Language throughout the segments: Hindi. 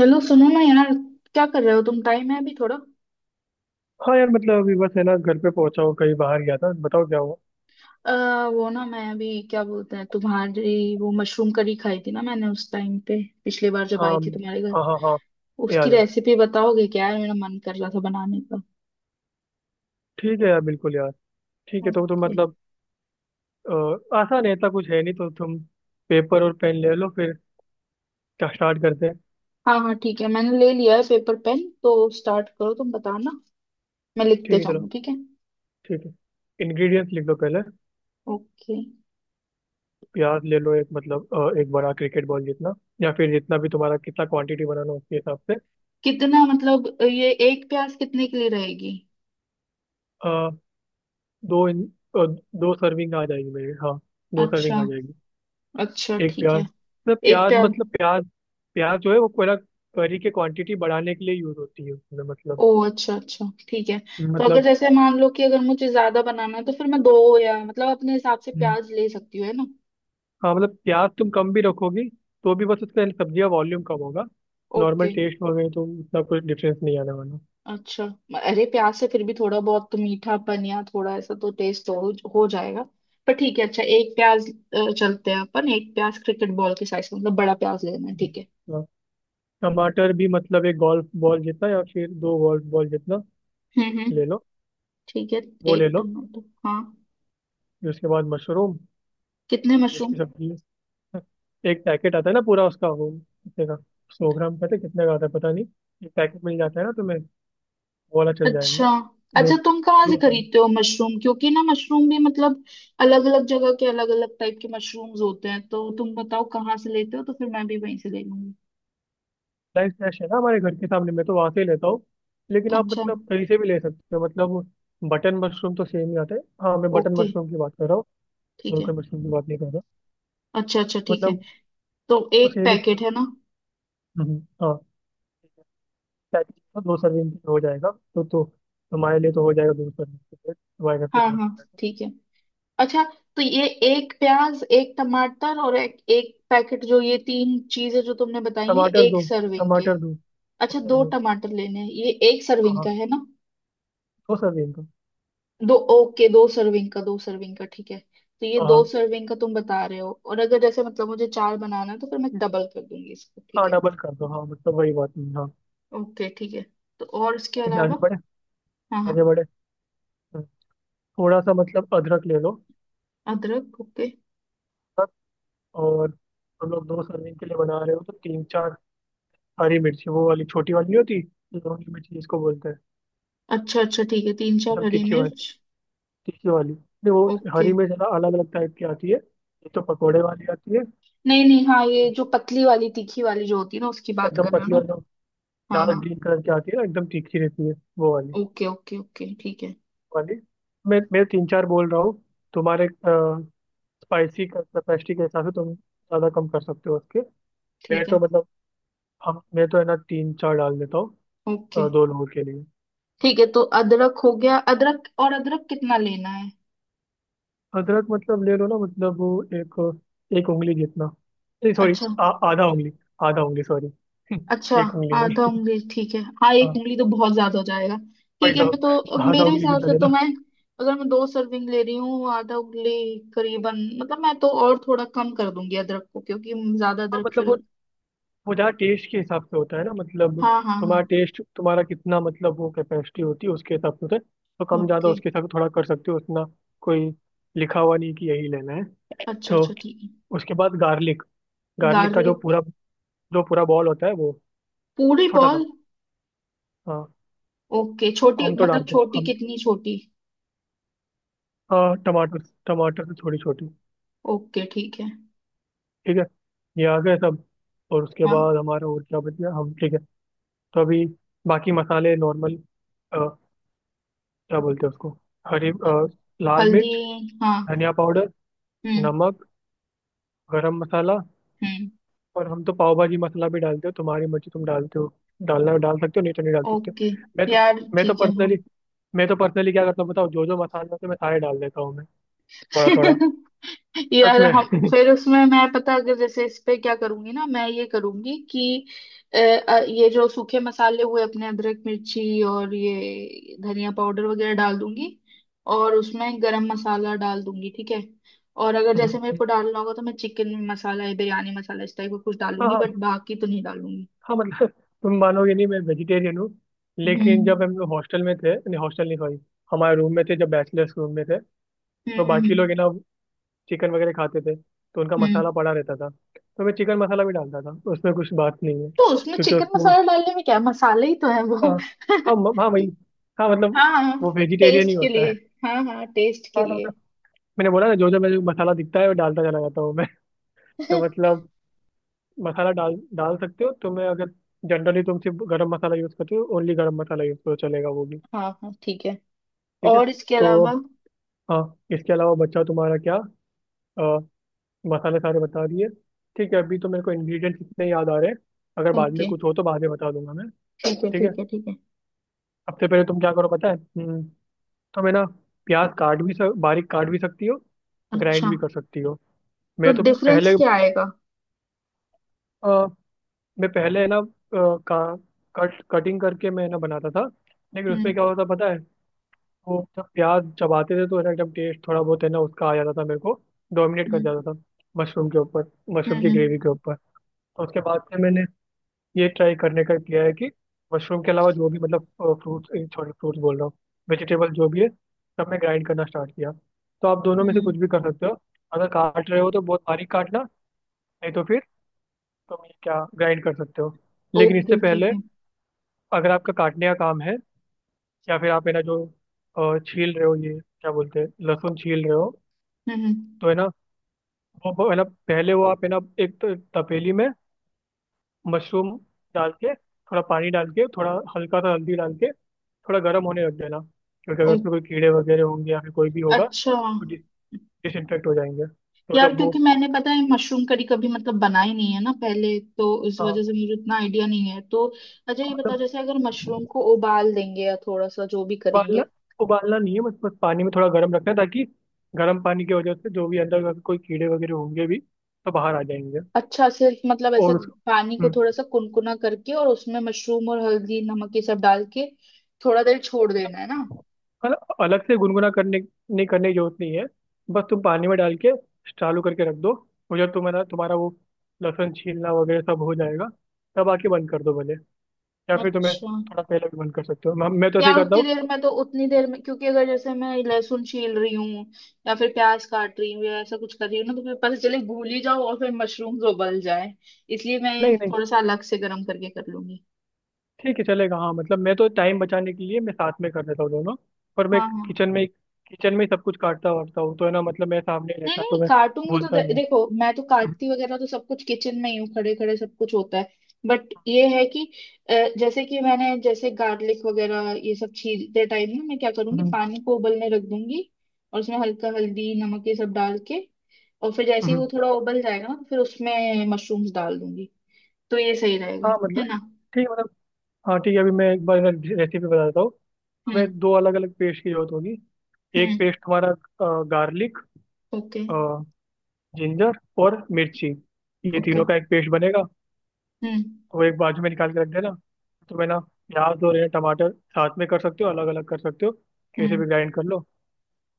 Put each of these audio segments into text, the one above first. हेलो, सुनो ना यार। क्या कर रहे हो? तुम टाइम है अभी थोड़ा? हाँ यार, मतलब अभी बस है ना, घर पे पहुंचा हूँ। कहीं बाहर गया था। बताओ क्या हुआ। वो ना, मैं अभी क्या बोलते हैं तुम्हारी वो मशरूम करी खाई थी ना मैंने, उस टाइम पे पिछली बार जब हाँ आई थी तुम्हारे घर। हाँ हाँ। हाँ, उसकी याद है। रेसिपी बताओगे क्या यार? मेरा मन कर रहा था बनाने का। ठीक है यार, बिल्कुल यार। ठीक है, तो तुम ओके। मतलब आसान है, इतना कुछ है नहीं। तो तुम पेपर और पेन ले लो फिर। स्टार्ट करते हैं। हाँ हाँ ठीक है, मैंने ले लिया है पेपर पेन, तो स्टार्ट करो, तुम बताना मैं ठीक लिखते है, चलो। जाऊंगा, ठीक है। ठीक है। इंग्रेडिएंट्स लिख लो पहले। ओके। प्याज ले लो एक, मतलब एक बड़ा क्रिकेट बॉल जितना, या फिर जितना भी तुम्हारा कितना क्वांटिटी बनाना हो उसके हिसाब से। कितना मतलब, ये एक प्याज कितने के लिए रहेगी? अ, दो इन, अ, दो सर्विंग आ जाएगी मेरे, हाँ। दो सर्विंग अच्छा, आ जाएगी। अच्छा एक ठीक प्याज। है। ना एक प्याज प्याज। मतलब प्याज, प्याज जो है वो पूरा करी के क्वांटिटी बढ़ाने के लिए यूज होती है उसमें, मतलब। ओ अच्छा अच्छा ठीक है। तो अगर मतलब, जैसे मान लो कि अगर मुझे ज्यादा बनाना है तो फिर मैं दो, या मतलब अपने हिसाब से हम्म। प्याज ले सकती हूँ, है ना? हाँ मतलब प्याज तुम कम भी रखोगी तो भी बस उसका सब्जी का वॉल्यूम कम होगा। Normal okay. टेस्ट हो गए तो उतना कुछ डिफरेंस नहीं आने वाला। अच्छा। अरे प्याज से फिर भी थोड़ा बहुत तो मीठापन या थोड़ा ऐसा तो टेस्ट हो जाएगा। पर ठीक है, अच्छा एक प्याज, चलते हैं अपन, एक प्याज क्रिकेट बॉल के साइज का, मतलब बड़ा प्याज लेना है, ठीक है। हम्म। हाँ, टमाटर भी मतलब एक गोल्फ बॉल जितना, या फिर दो गोल्फ बॉल जितना, हम्म हम्म ले लो। ठीक है, वो ले एक लो। टमाटर, हाँ। फिर उसके बाद मशरूम। कितने फिर मशरूम? उसकी सब्जी। एक पैकेट आता है ना पूरा उसका, वो कितने का, सौ ग्राम का था, कितने का आता है पता नहीं। एक पैकेट मिल जाता है ना तुम्हें, वो वाला चल जाएगा। अच्छा, दो, अच्छा तुम कहाँ से दो सनराइज खरीदते हो मशरूम? क्योंकि ना मशरूम भी मतलब अलग अलग जगह के अलग अलग टाइप के मशरूम्स होते हैं, तो तुम बताओ कहाँ से लेते हो तो फिर मैं भी वहीं से ले लूंगी। फ्रेश है ना हमारे घर के सामने, मैं तो वहां से ही लेता हूँ। लेकिन आप अच्छा। मतलब कहीं से भी ले सकते हो, मतलब बटन मशरूम तो सेम ही आता है। हाँ, मैं बटन ओके, मशरूम की बात कर रहा हूँ, ठीक और है। कोई मशरूम की बात नहीं कर रहा। अच्छा अच्छा ठीक है, मतलब तो वो एक सेम ही चीज़ पैकेट है होती ना। है। हाँ, पैकेज तो दो सर्विंग के हो जाएगा, तो तुम्हारे लिए तो हो जाएगा दो सर्विंग के लिए, तुम्हारे घर पे हाँ तो हो हाँ, जाएगा। ठीक है, अच्छा। तो ये एक प्याज, एक टमाटर और एक पैकेट, जो ये तीन चीजें जो तुमने बताई है, टमाटर एक दो। सर्विंग के। टमाटर दो। अच्छा, टमाटर दो दो। टमाटर लेने हैं, ये एक हाँ सर्विंग का हाँ, है ना? दो सर्विंग का। दो, ओके, दो सर्विंग का, दो सर्विंग का, ठीक है। तो ये हाँ दो हाँ, सर्विंग का तुम बता रहे हो, और अगर जैसे मतलब मुझे चार बनाना है तो फिर मैं डबल कर दूंगी इसको, ठीक हाँ है। डबल कर दो, हाँ मतलब वही बात नहीं, हाँ। ओके ठीक है। तो और इसके ठीक है, आगे अलावा? बढ़े, हाँ हाँ। आगे बढ़े। थोड़ा सा मतलब अदरक ले लो। अदरक, ओके। अदरक, और हम लोग दो सर्विंग के लिए बना रहे हो तो तीन चार हरी मिर्ची, वो वाली छोटी वाली नहीं होती, लौंगी मिर्ची जिसको बोलते हैं, अच्छा अच्छा ठीक है, तीन चार एकदम हरी तीखी वाली। मिर्च। तीखी वाली नहीं, वो ओके। हरी मिर्च अलग अलग टाइप की आती है, एक तो पकौड़े वाली आती है, नहीं नहीं, हाँ, ये जो पतली वाली तीखी वाली जो होती है ना, उसकी बात एकदम कर रहे हो पतली ना? वाली जो हाँ डार्क हाँ। ग्रीन कलर की आती है ना, एकदम तीखी रहती है, वो वाली, ओके ओके ओके, ठीक है। वाली। मैं तीन चार बोल रहा हूँ, तुम्हारे स्पाइसी कैपेसिटी के हिसाब से तुम ज़्यादा कम कर सकते हो उसके। मैं ठीक तो है। मतलब, हम मैं तो है ना तीन चार डाल देता हूँ, ओके, दो लोगों के लिए। ठीक है तो अदरक हो गया, अदरक, और अदरक कितना लेना है? अदरक मतलब ले लो ना, मतलब वो एक, एक उंगली जितना, नहीं सॉरी, अच्छा। आधा उंगली, आधा उंगली सॉरी, अच्छा, एक उंगली आधा नहीं। उंगली, ठीक है, हाँ, एक हाँ उंगली तो बहुत ज्यादा हो जाएगा। वही ठीक है, तो, मैं तो अब आधा मेरे उंगली हिसाब जितना से तो लेना। मैं, अगर मैं दो सर्विंग ले रही हूँ, आधा उंगली करीबन, मतलब मैं तो और थोड़ा कम कर दूंगी अदरक को, क्योंकि ज्यादा हाँ अदरक मतलब फिर। वो जहाँ टेस्ट के हिसाब से होता है ना, मतलब हाँ हाँ हाँ। तुम्हारा टेस्ट, तुम्हारा कितना मतलब वो कैपेसिटी होती है उसके हिसाब से होता है, तो कम ज़्यादा ओके। उसके हिसाब से थोड़ा कर सकते हो उतना। कोई लिखा हुआ नहीं कि यही लेना है। अच्छा तो अच्छा ठीक है। उसके बाद गार्लिक, गार्लिक का जो गार्लिक। पूरा, जो पूरा बॉल होता है वो, पूरी छोटा बॉल? सा, हाँ। ओके, छोटी हम तो मतलब डालते हैं, छोटी, हम कितनी छोटी? हाँ टमाटर, टमाटर से छोटी छोटी। ओके, ठीक है। ठीक है, ये आ गए सब। और उसके हाँ। बाद हमारा और क्या बच गया, हम ठीक है। तो अभी बाकी मसाले नॉर्मल, क्या बोलते हैं उसको, हरी अ, लाल हल्दी, मिर्च, हाँ। धनिया पाउडर, हम्म। नमक, गरम मसाला, हम्म। और हम तो पाव भाजी मसाला भी डालते हो, तुम्हारी मर्जी तुम डालते हो, डालना डाल सकते हो, नहीं तो नहीं डाल सकते हो। ओके। मैं तो, यार मैं तो ठीक है। पर्सनली मैं तो पर्सनली क्या करता हूँ बताओ, जो जो मसाले होते हैं मैं सारे डाल देता हूँ मैं, थोड़ा थोड़ा। हाँ। सच यार में। हम फिर उसमें, मैं पता अगर जैसे इस पे क्या करूंगी ना, मैं ये करूंगी कि ये जो सूखे मसाले हुए अपने, अदरक मिर्ची और ये धनिया पाउडर वगैरह डाल दूंगी, और उसमें गरम मसाला डाल दूंगी, ठीक है। और अगर जैसे मेरे को डालना होगा तो मैं चिकन मसाला या बिरयानी मसाला इस टाइप का कुछ हाँ डालूंगी, हाँ, बट बाकी तो नहीं डालूंगी। हाँ मतलब तुम मानोगे नहीं, मैं वेजिटेरियन हूँ, लेकिन जब हम हम्म लोग हॉस्टल में थे, नहीं हॉस्टल नहीं सॉरी, हमारे रूम में थे, जब बैचलर्स रूम में थे, तो बाकी हम्म। लोग है ना चिकन वगैरह खाते थे, तो उनका हम्म। मसाला पड़ा रहता था। तो मैं चिकन मसाला भी डालता था उसमें, कुछ बात नहीं है तो उसमें क्योंकि चिकन उसको, मसाला डालने में क्या है? मसाले ही तो है वो। हाँ। हाँ म- हाँ वही, हाँ मतलब हाँ। वो वेजिटेरियन ही टेस्ट के होता लिए, है। हाँ हाँ टेस्ट के हाँ, तो लिए। मतलब मैंने बोला ना जो जो मेरे को मसाला दिखता है वो डालता चला जाता हूँ मैं। हाँ। तो मतलब मसाला डाल डाल सकते हो, तो मैं अगर, जनरली तुम सिर्फ गरम मसाला यूज़ करते हो, ओनली गरम मसाला यूज़ करो चलेगा वो भी। हाँ, ठीक है। ठीक है। और इसके तो अलावा? हाँ, इसके अलावा बच्चा तुम्हारा क्या, अ, मसाले सारे बता दिए। ठीक है, अभी तो मेरे को इंग्रेडिएंट्स इतने याद आ रहे हैं, अगर बाद में ओके कुछ हो तो बाद में बता दूंगा मैं। ठीक है, ठीक है। ठीक है ठीक है। सबसे पहले तुम क्या करो पता है, तुम है ना प्याज काट भी बारीक काट भी सकती हो, ग्राइंड अच्छा, भी कर सकती हो। तो मैं तो डिफरेंस पहले, क्या आएगा? अ, मैं पहले है ना का कट कटिंग करके मैं ना बनाता था, लेकिन उसमें हम्म क्या होता पता है, वो जब प्याज चबाते थे तो है ना एकदम टेस्ट थोड़ा बहुत है ना उसका आ जाता था मेरे को, डोमिनेट कर हम्म जाता था मशरूम के ऊपर, हम्म मशरूम की ग्रेवी हम्म के ऊपर। तो उसके बाद से मैंने ये ट्राई करने का किया है कि मशरूम के अलावा जो भी, मतलब फ्रूट्स, सॉरी फ्रूट्स बोल रहा हूँ, वेजिटेबल जो भी है सब मैं ग्राइंड करना स्टार्ट किया। तो आप दोनों में से हम्म। कुछ भी कर सकते हो, अगर काट रहे हो तो बहुत बारीक काटना, नहीं तो फिर तुम ये क्या ग्राइंड कर सकते हो। लेकिन इससे ओके ठीक पहले, है। अगर आपका काटने का काम है, या फिर आप है ना जो छील रहे हो, ये क्या बोलते हैं, लहसुन छील रहे हो, हम्म। तो है ना वो है ना पहले वो, आप है ना एक तपेली में मशरूम डाल के, थोड़ा पानी डाल के, थोड़ा हल्का सा हल्दी डाल के, थोड़ा गर्म होने रख देना। क्योंकि ओ अगर उसमें कोई कीड़े वगैरह होंगे, या फिर कोई भी होगा, अच्छा। तो डिसइन्फेक्ट हो जाएंगे, तो यार मतलब वो, क्योंकि मैंने, पता है, मशरूम करी कभी मतलब बनाई नहीं है ना पहले, तो इस हाँ हाँ, वजह से मुझे इतना आइडिया नहीं है, तो अच्छा ये बताओ, मतलब जैसे अगर मशरूम को उबाल देंगे या थोड़ा सा जो भी उबालना, करेंगे। उबालना नहीं है, बस बस पानी में थोड़ा गर्म रखना है, ताकि गर्म पानी की वजह से जो भी अंदर का कोई कीड़े वगैरह होंगे भी तो बाहर आ जाएंगे। अच्छा सिर्फ मतलब ऐसे, और उस, पानी को हम्म, थोड़ा सा कुनकुना करके और उसमें मशरूम और हल्दी नमक ये सब डाल के थोड़ा देर छोड़ देना है ना? मतलब अलग से गुनगुना करने नहीं करने की जरूरत नहीं है, बस तुम पानी में डाल के चालू करके रख दो, उधर तुम्हारा तुम्हारा वो लहसुन छीलना वगैरह सब हो जाएगा, तब आके बंद कर दो भले, या फिर तुम्हें अच्छा। थोड़ा पहले भी बंद कर सकते हो, मैं तो ऐसे ही यार करता उतनी हूँ। देर में, तो उतनी देर में क्योंकि अगर जैसे मैं लहसुन छील रही हूँ या फिर प्याज काट रही हूँ या ऐसा कुछ कर रही हूँ ना, तो फिर पता चले भूल ही जाओ और फिर मशरूम उबल जाए। इसलिए मैं नहीं नहीं, थोड़ा सा अलग से गर्म करके कर लूंगी। ठीक है चलेगा, हाँ मतलब मैं तो टाइम बचाने के लिए मैं साथ में कर देता हूँ दोनों, पर मैं हाँ हाँ। किचन में ही सब कुछ काटता वाटता हूँ, तो है ना मतलब मेरे सामने ही नहीं रहता है, तो नहीं मैं काटूंगी, तो भूलता नहीं हूँ। देखो मैं तो हम्म। काटती वगैरह तो सब कुछ किचन में ही हूँ, खड़े खड़े सब कुछ होता है। बट ये है कि अ, जैसे कि मैंने, जैसे गार्लिक वगैरह ये सब छीलते टाइम ना, मैं क्या करूंगी, हम्म, पानी को उबलने रख दूंगी और उसमें हल्का हल्दी नमक ये सब डाल के, और फिर जैसे ही वो हम्म। थोड़ा उबल जाएगा ना तो फिर उसमें मशरूम्स डाल दूंगी। तो ये सही रहेगा, हाँ मतलब है ना? ठीक है, मतलब हाँ ठीक है, अभी मैं एक बार रेसिपी बता देता हूँ। हम्म। हमें दो अलग अलग पेस्ट की जरूरत होगी। एक हम्म। पेस्ट हमारा गार्लिक, ओके जिंजर और मिर्ची, ये ओके। तीनों का एक पेस्ट बनेगा, हम्म तो वो एक बाजू में निकाल के रख देना। तो मैं ना प्याज और ये टमाटर, साथ में कर सकते हो, अलग अलग कर सकते हो, कैसे हम्म भी ग्राइंड कर लो।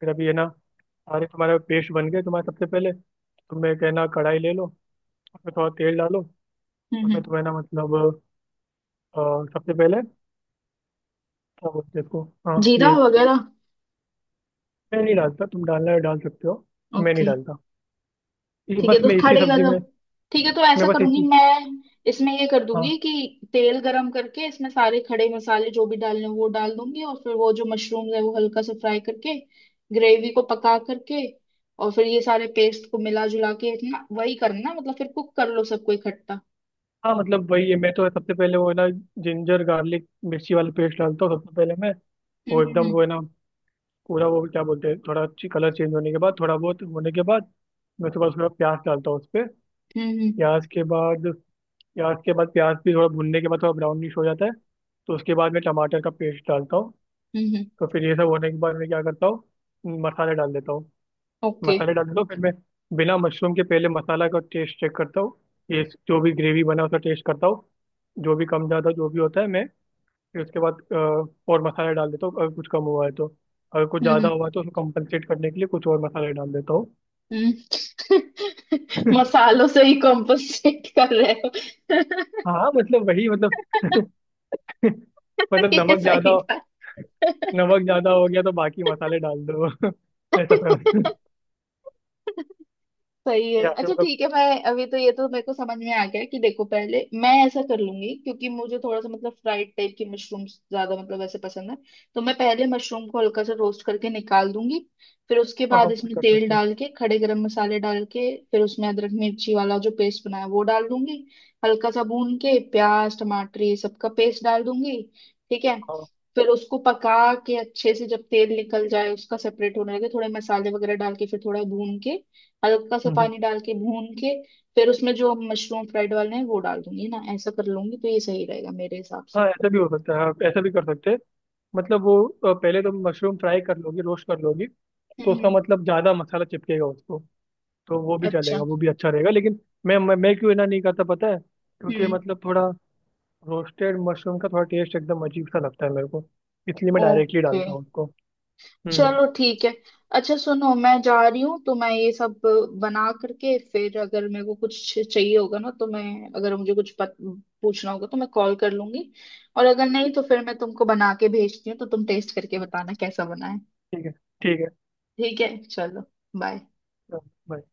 फिर अभी ये ना, सारे तुम्हारे पेस्ट बन गए तुम्हारे, सबसे पहले तुम्हें कहना कढ़ाई ले लो, उसमें थोड़ा तेल डालो, हम्म उसमें हम्म। तुम्हें ना मतलब अ, सबसे पहले, क्या बोलते हैं इसको, हाँ जीरा ये, वगैरह। मैं नहीं डालता, तुम डालना है डाल सकते हो, मैं नहीं ओके, डालता, ये ठीक है बस तो मैं इसी खड़े सब्जी गरम, में, ठीक है तो मैं ऐसा बस करूंगी इसी, मैं, इसमें ये कर दूंगी हाँ। कि तेल गरम करके इसमें सारे खड़े मसाले जो भी डालने हैं, वो डाल दूंगी और फिर वो जो मशरूम्स है वो हल्का सा फ्राई करके, ग्रेवी को पका करके, और फिर ये सारे पेस्ट को मिला जुला के, इतना वही करना, मतलब फिर कुक कर लो सबको इकट्ठा। हाँ मतलब वही है, मैं तो सबसे पहले वो है ना जिंजर गार्लिक मिर्ची वाला पेस्ट डालता हूँ सबसे पहले मैं। हम्म वो एकदम हम्म वो है ना पूरा वो क्या बोलते हैं, थोड़ा अच्छी कलर चेंज होने के बाद, थोड़ा बहुत होने के बाद, मैं उसके बाद थोड़ा प्याज डालता हूँ उस पर। हम्म प्याज के बाद प्याज के बाद प्याज भी थोड़ा भुनने के बाद थोड़ा ब्राउनिश हो जाता है, तो उसके बाद मैं टमाटर का पेस्ट डालता हूँ। हम्म। तो फिर ये सब होने के बाद मैं क्या करता हूँ, मसाले डाल देता हूँ। ओके। मसाले डाल दो, फिर मैं बिना मशरूम के पहले मसाला का टेस्ट चेक करता हूँ, ये जो भी ग्रेवी बना उसका टेस्ट करता हूँ, जो भी कम ज़्यादा जो भी होता है मैं, फिर उसके बाद और मसाले डाल देता हूँ अगर कुछ कम हुआ है तो, अगर कुछ हम्म। ज़्यादा Okay, हुआ है तो उसको कंपनसेट करने के लिए कुछ और मसाले डाल देता हूँ। हम्म। मसालों से ही कॉम्पोसेट कर रहे हो। हाँ मतलब वही मतलब, मतलब ये नमक ज़्यादा, सही था। नमक ज़्यादा हो गया तो बाकी मसाले डाल दो। ऐसा समझ, सही है। या फिर अच्छा मतलब, ठीक है, मैं अभी तो ये तो मेरे को समझ में आ गया कि, देखो पहले मैं ऐसा कर लूंगी क्योंकि मुझे थोड़ा सा मतलब फ्राइड टाइप की मशरूम ज्यादा मतलब ऐसे पसंद है, तो मैं पहले मशरूम को हल्का सा रोस्ट करके निकाल दूंगी, फिर उसके हाँ हाँ बाद वो भी इसमें कर तेल सकते हैं। डाल के खड़े गरम मसाले डाल के, फिर उसमें अदरक मिर्ची वाला जो पेस्ट बनाया वो डाल दूंगी, हल्का सा भून के प्याज टमाटर ये सबका पेस्ट डाल दूंगी, ठीक है, हाँ, फिर उसको पका के अच्छे से, जब तेल निकल जाए उसका, सेपरेट होने लगे, थोड़े मसाले वगैरह डाल के फिर थोड़ा भून के, हल्का सा हम्म, हम्म। पानी डाल के भून के, फिर उसमें जो मशरूम फ्राइड वाले हैं वो डाल दूंगी ना, ऐसा कर लूंगी, तो ये सही रहेगा मेरे हिसाब से। हाँ ऐसा भी हो सकता है, हाँ ऐसा भी कर सकते हैं, मतलब वो पहले तुम मशरूम फ्राई कर लोगी, रोस्ट कर लोगी, तो उसका हम्म। मतलब ज़्यादा मसाला चिपकेगा उसको, तो वो भी अच्छा। चलेगा, वो भी अच्छा रहेगा। लेकिन मैं क्यों ना नहीं करता पता है, क्योंकि हम्म। मतलब थोड़ा रोस्टेड मशरूम का थोड़ा टेस्ट एकदम अजीब सा लगता है मेरे को, इसलिए मैं डायरेक्टली ओके, डालता हूँ उसको। हम्म। चलो ठीक है। अच्छा सुनो, मैं जा रही हूँ, तो मैं ये सब बना करके फिर अगर मेरे को कुछ चाहिए होगा ना, तो मैं अगर मुझे कुछ पूछना होगा तो मैं कॉल कर लूंगी, और अगर नहीं तो फिर मैं तुमको बना के भेजती हूँ तो तुम टेस्ट करके ठीक है, बताना कैसा बना है। ठीक है, ठीक है, ठीक है चलो, बाय। चलो, bye।